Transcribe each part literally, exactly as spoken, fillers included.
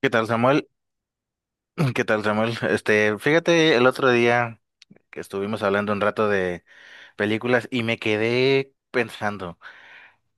¿Qué tal, Samuel? ¿Qué tal, Samuel? Este, fíjate, el otro día que estuvimos hablando un rato de películas y me quedé pensando,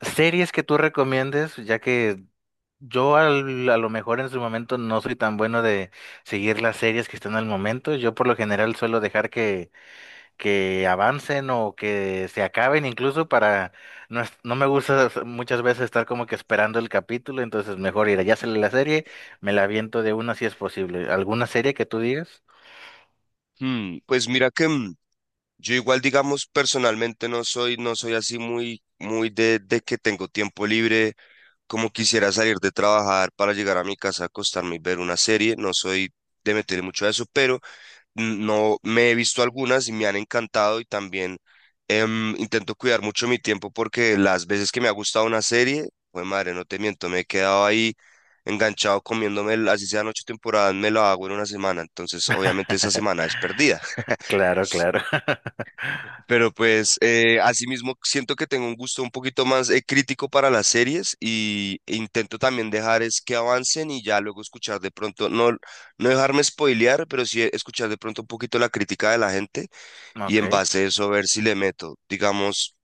series que tú recomiendes, ya que yo al- a lo mejor en su momento no soy tan bueno de seguir las series que están al momento. Yo por lo general suelo dejar que que avancen o que se acaben incluso para no, es- no me gusta muchas veces estar como que esperando el capítulo, entonces mejor ir, ya sale la serie, me la aviento de una si es posible. ¿Alguna serie que tú digas? Hmm, pues mira que mm, yo igual, digamos, personalmente no soy, no soy así muy, muy de, de que tengo tiempo libre, como quisiera salir de trabajar para llegar a mi casa, acostarme y ver una serie. No soy de meterle mucho a eso, pero mm, no me he visto algunas y me han encantado. Y también em, intento cuidar mucho mi tiempo, porque las veces que me ha gustado una serie, pues madre, no te miento, me he quedado ahí enganchado comiéndome, el- así sean ocho temporadas, me lo hago en una semana. Entonces, obviamente, esa semana es perdida. Claro, claro. Pero pues eh, asimismo siento que tengo un gusto un poquito más eh, crítico para las series, y e intento también dejar es que avancen y ya luego escuchar de pronto, no, no dejarme spoilear, pero sí escuchar de pronto un poquito la crítica de la gente, y Ok, en base a eso ver si le meto. Digamos,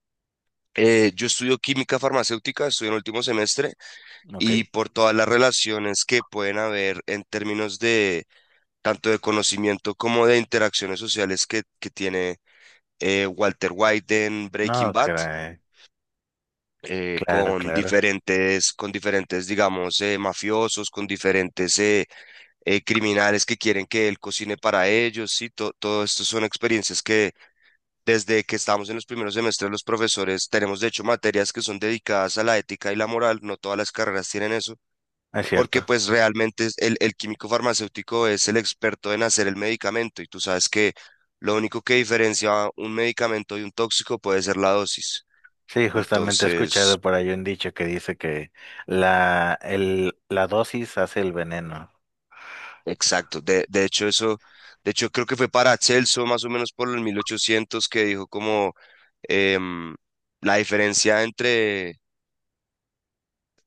eh, yo estudio química farmacéutica, estoy en el último semestre, ok. y por todas las relaciones que pueden haber en términos de, tanto de conocimiento como de interacciones sociales, que, que tiene eh, Walter White en Breaking No, Bad, caray. eh, Claro, con claro. diferentes, con diferentes, digamos, eh, mafiosos, con diferentes eh, eh, criminales que quieren que él cocine para ellos, ¿sí? To- todo esto son experiencias que desde que estamos en los primeros semestres los profesores tenemos, de hecho, materias que son dedicadas a la ética y la moral. No todas las carreras tienen eso. Es Porque cierto. pues realmente es- el, el químico farmacéutico es el experto en hacer el medicamento, y tú sabes que lo único que diferencia un medicamento de un tóxico puede ser la dosis. Sí, justamente he Entonces, escuchado por ahí un dicho que dice que la, el, la dosis hace el veneno. exacto. De, de hecho, eso, de hecho, creo que fue para Celso, más o menos por el mil ochocientos, que dijo como em, la diferencia entre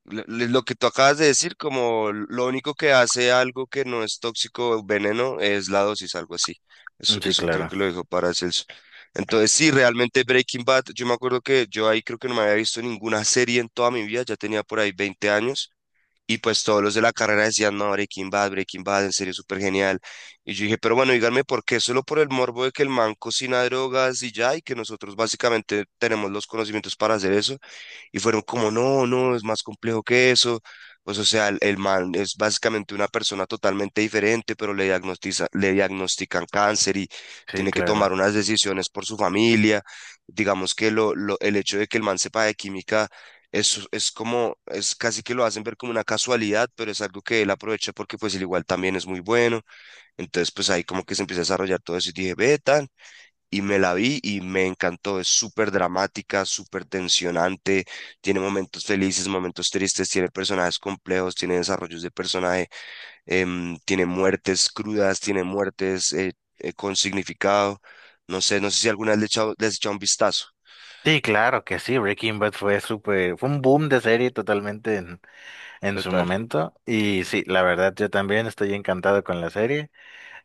lo lo que tú acabas de decir, como lo único que hace algo que no es tóxico o veneno es la dosis, algo así. Eso, Sí, eso creo claro. que lo dijo para Celso. Entonces, sí, realmente Breaking Bad, yo me acuerdo que yo ahí creo que no me había visto ninguna serie en toda mi vida. Ya tenía por ahí veinte años. Y pues todos los de la carrera decían, no, Breaking Bad, Breaking Bad, en serio, súper genial. Y yo dije, pero bueno, díganme por qué. Solo por el morbo de que el man cocina drogas y ya, y que nosotros básicamente tenemos los conocimientos para hacer eso. Y fueron como, no, no, es más complejo que eso. Pues, o sea, el, el man es básicamente una persona totalmente diferente, pero le diagnostiza, le diagnostican cáncer y Sí, tiene que tomar claro. unas decisiones por su familia. Digamos que lo, lo- el hecho de que el man sepa de química es, es como, es casi que lo hacen ver como una casualidad, pero es algo que él aprovecha, porque pues el igual también es muy bueno. Entonces, pues ahí como que se empieza a desarrollar todo eso y dije, ve, tan, y me la vi y me encantó. Es súper dramática, súper tensionante, tiene momentos felices, momentos tristes, tiene personajes complejos, tiene desarrollos de personaje, em, tiene muertes crudas, tiene muertes eh, eh, con significado. No sé, no sé si alguna vez le he echado- le has echado un vistazo. Sí, claro que sí, Breaking Bad fue súper, fue un boom de serie totalmente en, en su Total. momento. Y sí, la verdad, yo también estoy encantado con la serie.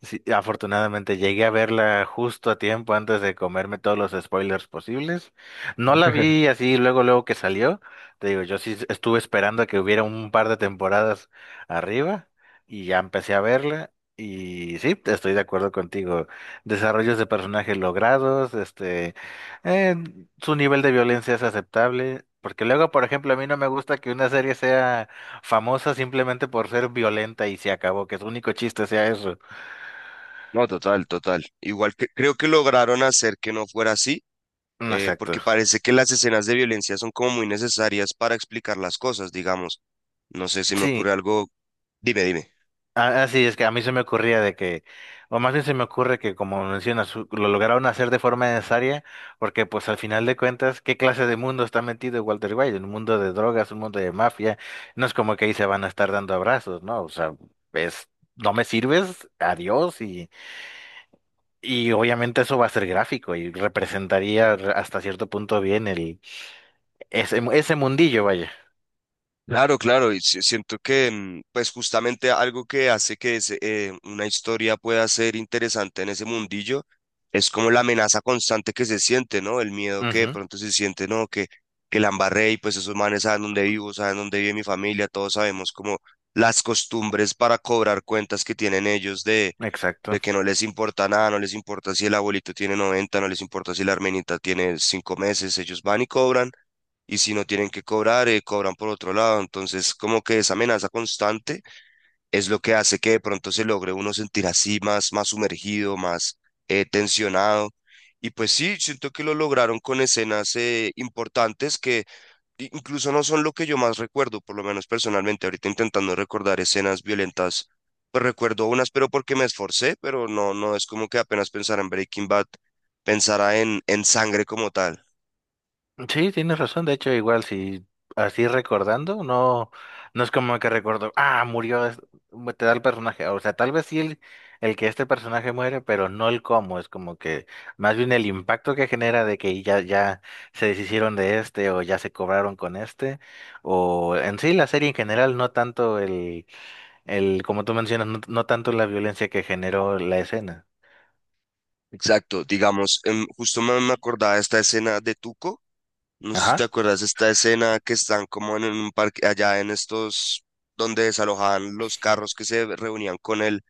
Sí, afortunadamente llegué a verla justo a tiempo antes de comerme todos los spoilers posibles. No la vi así luego, luego que salió. Te digo, yo sí estuve esperando a que hubiera un par de temporadas arriba y ya empecé a verla. Y sí, estoy de acuerdo contigo. Desarrollos de personajes logrados, este, eh, su nivel de violencia es aceptable. Porque luego, por ejemplo, a mí no me gusta que una serie sea famosa simplemente por ser violenta y se acabó, que su único chiste sea eso. No, total, total. Igual que creo que lograron hacer que no fuera así, Mm, eh, exacto. porque parece que las escenas de violencia son como muy necesarias para explicar las cosas, digamos. No sé si me Sí, ocurre algo. Dime, dime. a- así es que a mí se me ocurría de que, o más bien se me ocurre que como mencionas, u- lo lograron hacer de forma necesaria, porque pues al final de cuentas, ¿qué clase de mundo está metido Walter White? Un mundo de drogas, un mundo de mafia, no es como que ahí se van a estar dando abrazos, ¿no? O sea, es, no me sirves, adiós, y, y obviamente eso va a ser gráfico y representaría re- hasta cierto punto bien el, ese, ese mundillo, vaya. Claro, claro, y si- siento que mm, pues justamente algo que hace que ese, eh, una historia pueda ser interesante en ese mundillo es como la amenaza constante que se siente, ¿no? El miedo que de Ujú, pronto se siente, ¿no? Que, que la embarré, y pues esos manes saben dónde vivo, saben dónde vive mi familia, todos sabemos como las costumbres para cobrar cuentas que tienen ellos de, de exacto. que no les importa nada, no les importa si el abuelito tiene noventa, no les importa si la hermanita tiene cinco meses. Ellos van y cobran, y si no tienen que cobrar, eh, cobran por otro lado. Entonces, como que esa amenaza constante es lo que hace que de pronto se logre uno sentir así más, más sumergido, más eh, tensionado. Y pues sí, siento que lo lograron con escenas eh, importantes, que incluso no son lo que yo más recuerdo. Por lo menos personalmente, ahorita, intentando recordar escenas violentas, pues recuerdo unas, pero porque me esforcé. Pero no, no es como que apenas pensara en Breaking Bad, pensara en, en sangre como tal. Sí, tienes razón. De hecho, igual si así recordando, no, no es como que recuerdo, ah, murió, es- te da el personaje. O sea, tal vez sí el, el que este personaje muere, pero no el cómo. Es como que más bien el impacto que genera de que ya, ya se deshicieron de este o ya se cobraron con este. O en sí la serie en general, no tanto el, el, como tú mencionas, no, no tanto la violencia que generó la escena. Exacto. Digamos, em, justo me, me acordaba de esta escena de Tuco. No sé si te Ajá, acuerdas de esta escena, que están como en un parque allá en estos donde desalojaban los carros, que se reunían con él,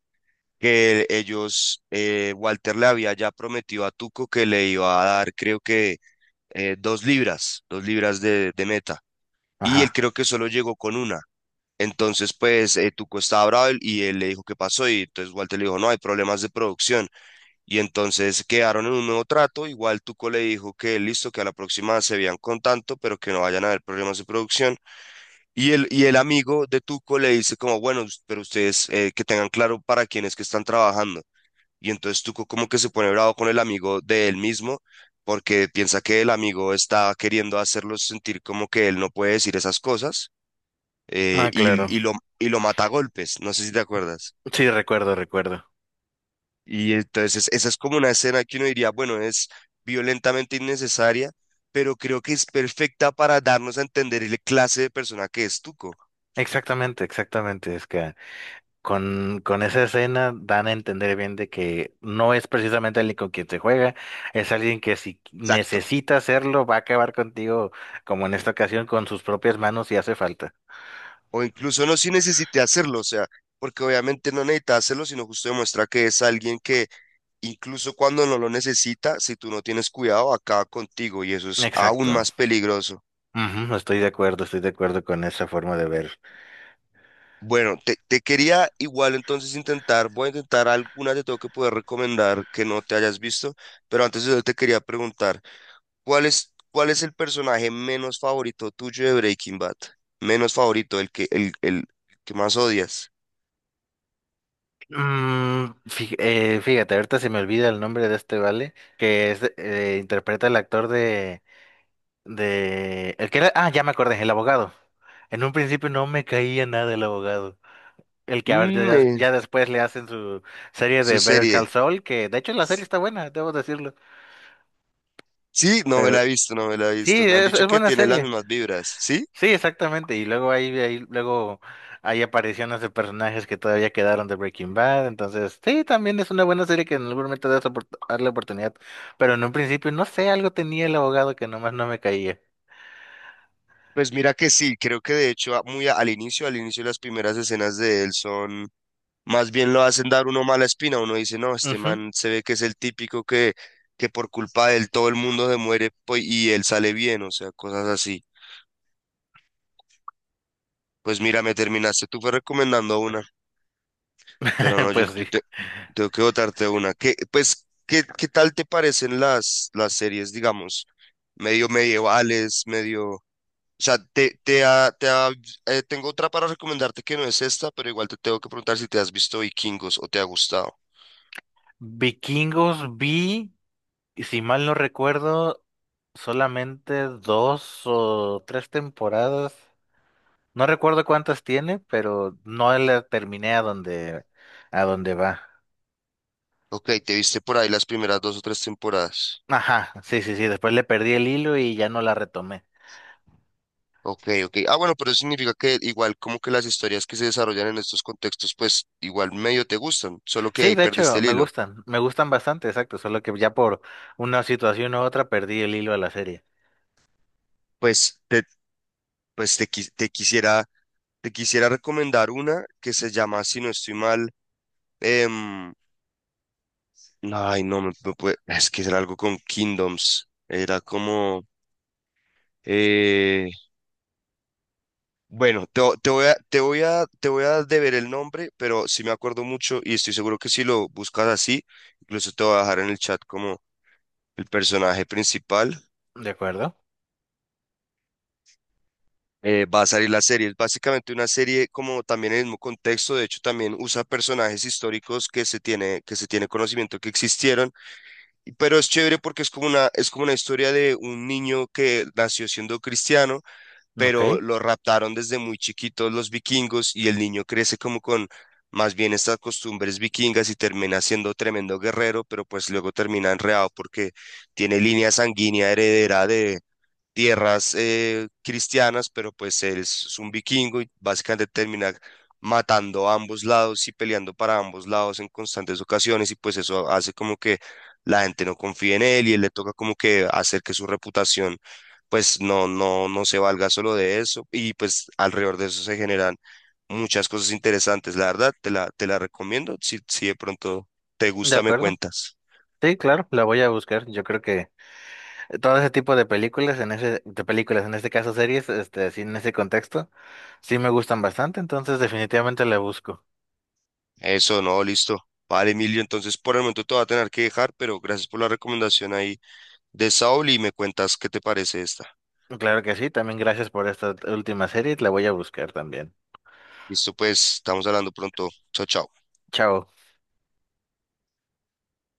que ellos, eh, Walter le había ya prometido a Tuco que le iba a dar, creo que eh, dos libras, dos libras de, de meta, y él ajá. creo que solo llegó con una. Entonces, pues, eh, Tuco estaba bravo, y él le dijo qué pasó, y entonces Walter le dijo, no, hay problemas de producción. Y entonces quedaron en un nuevo trato. Igual Tuco le dijo que listo, que a la próxima se vean con tanto, pero que no vayan a haber problemas de producción. Y el, y el amigo de Tuco le dice como, bueno, us- pero ustedes eh, que tengan claro para quién es que están trabajando. Y entonces Tuco como que se pone bravo con el amigo de él mismo, porque piensa que el amigo está queriendo hacerlo sentir como que él no puede decir esas cosas. eh, Ah, claro. y, y lo, y lo mata a golpes. No sé si te acuerdas. Sí, recuerdo, recuerdo. Y entonces esa es como una escena que uno diría, bueno, es violentamente innecesaria, pero creo que es perfecta para darnos a entender la clase de persona que es Tuco. Exactamente, exactamente, es que Con, con esa escena dan a entender bien de que no es precisamente alguien con quien se juega, es alguien que si Exacto. necesita hacerlo va a acabar contigo, como en esta ocasión, con sus propias manos si hace falta. O incluso no si necesite hacerlo, o sea, porque obviamente no necesita hacerlo, sino justo demuestra que es alguien que incluso cuando no lo necesita, si tú no tienes cuidado, acaba contigo, y eso es aún Exacto. más peligroso. Ujú, estoy de acuerdo, estoy de acuerdo con esa forma de ver. Bueno, te, te quería, igual entonces intentar, voy a intentar algunas de, tengo que poder recomendar que no te hayas visto. Pero antes de eso te quería preguntar, ¿cuál es, cuál es el personaje menos favorito tuyo de Breaking Bad? Menos favorito, el que, el, el que más odias. Mm, fí- eh, fíjate, ahorita se me olvida el nombre de este vale, que es, eh, interpreta el actor de, de, el que era, ah, ya me acordé, el abogado. En un principio no me caía nada el abogado. El que a ver, Mm, ya, eh, ya después le hacen su serie Su de Better serie. Call Saul, que de hecho la serie está buena, debo decirlo. Sí, no me Pero la he visto, no me la he sí, visto. Me han es, dicho es que buena tiene las serie. mismas vibras, ¿sí? Sí, exactamente. Y luego ahí, ahí, luego hay apariciones de personajes que todavía quedaron de Breaking Bad. Entonces, sí, también es una buena serie que en algún momento debes opor- darle oportunidad. Pero en un principio, no sé, algo tenía el abogado que nomás no me caía. Pues mira que sí, creo que de hecho a- muy a- al inicio, al inicio las primeras escenas de él son más bien lo hacen dar uno mala espina. Uno dice, no, este Ujú, man se ve que es el típico que, que por culpa de él todo el mundo se muere pues, y él sale bien, o sea, cosas así. Pues mira, me terminaste tú fue recomendando una, pero no, yo, pues sí. yo te- tengo que votarte una. ¿Qué, pues, qué, qué tal te parecen las, las series, digamos, medio medievales, medio... O sea, te, te, ha- te ha- eh, tengo otra para recomendarte que no es esta, pero igual te tengo que preguntar si te has visto Vikingos o te ha gustado. Vikingos vi. Y si mal no recuerdo, solamente dos o tres temporadas. No recuerdo cuántas tiene, pero no la terminé a donde, a donde va. Ok, te viste por ahí las primeras dos o tres temporadas. Ajá, sí, sí, sí. Después le perdí el hilo y ya no la retomé. Ok, ok. Ah, bueno, pero eso significa que igual como que las historias que se desarrollan en estos contextos, pues igual medio te gustan, solo que Sí, ahí de perdiste hecho, el me hilo. gustan, me gustan bastante, exacto. Solo que ya por una situación u otra perdí el hilo a la serie. Pues te, pues te, quis- te quisiera, te quisiera recomendar una que se llama, si no estoy mal, em, ay, no, me, me puede- es que era algo con Kingdoms. Era como, bueno, te, vo- te voy a, te voy a, te voy a deber el nombre, pero sí me acuerdo mucho y estoy seguro que si lo buscas así, incluso te voy a dejar en el chat como el personaje principal, ¿De acuerdo? eh, va a salir la serie. Es básicamente una serie como también en el mismo contexto. De hecho, también usa personajes históricos que se tiene, que se tiene conocimiento que existieron, y- pero es chévere porque es como una, es como una historia de un niño que nació siendo cristiano, Ok, pero lo raptaron desde muy chiquitos los vikingos, y el niño crece como con más bien estas costumbres vikingas y termina siendo tremendo guerrero. Pero pues luego termina enredado porque tiene línea sanguínea heredera de tierras eh, cristianas, pero pues él es, es un vikingo, y básicamente termina matando a ambos lados y peleando para ambos lados en constantes ocasiones, y pues eso hace como que la gente no confíe en él, y él le toca como que hacer que su reputación pues no, no, no se valga solo de eso. Y pues alrededor de eso se generan muchas cosas interesantes, la verdad, te la, te la recomiendo, si, si de pronto te de gusta me acuerdo. cuentas. Sí, claro, la voy a buscar. Yo creo que todo ese tipo de películas, en ese, de películas, en este caso series, este, sí, en ese contexto, sí me gustan bastante, entonces definitivamente la busco. Eso, no, listo. Vale, Emilio, entonces por el momento te voy a tener que dejar, pero gracias por la recomendación ahí de Saul y me cuentas qué te parece esta. Claro que sí, también gracias por esta última serie, la voy a buscar también. Listo, pues, estamos hablando pronto. Chao, chao. Chao.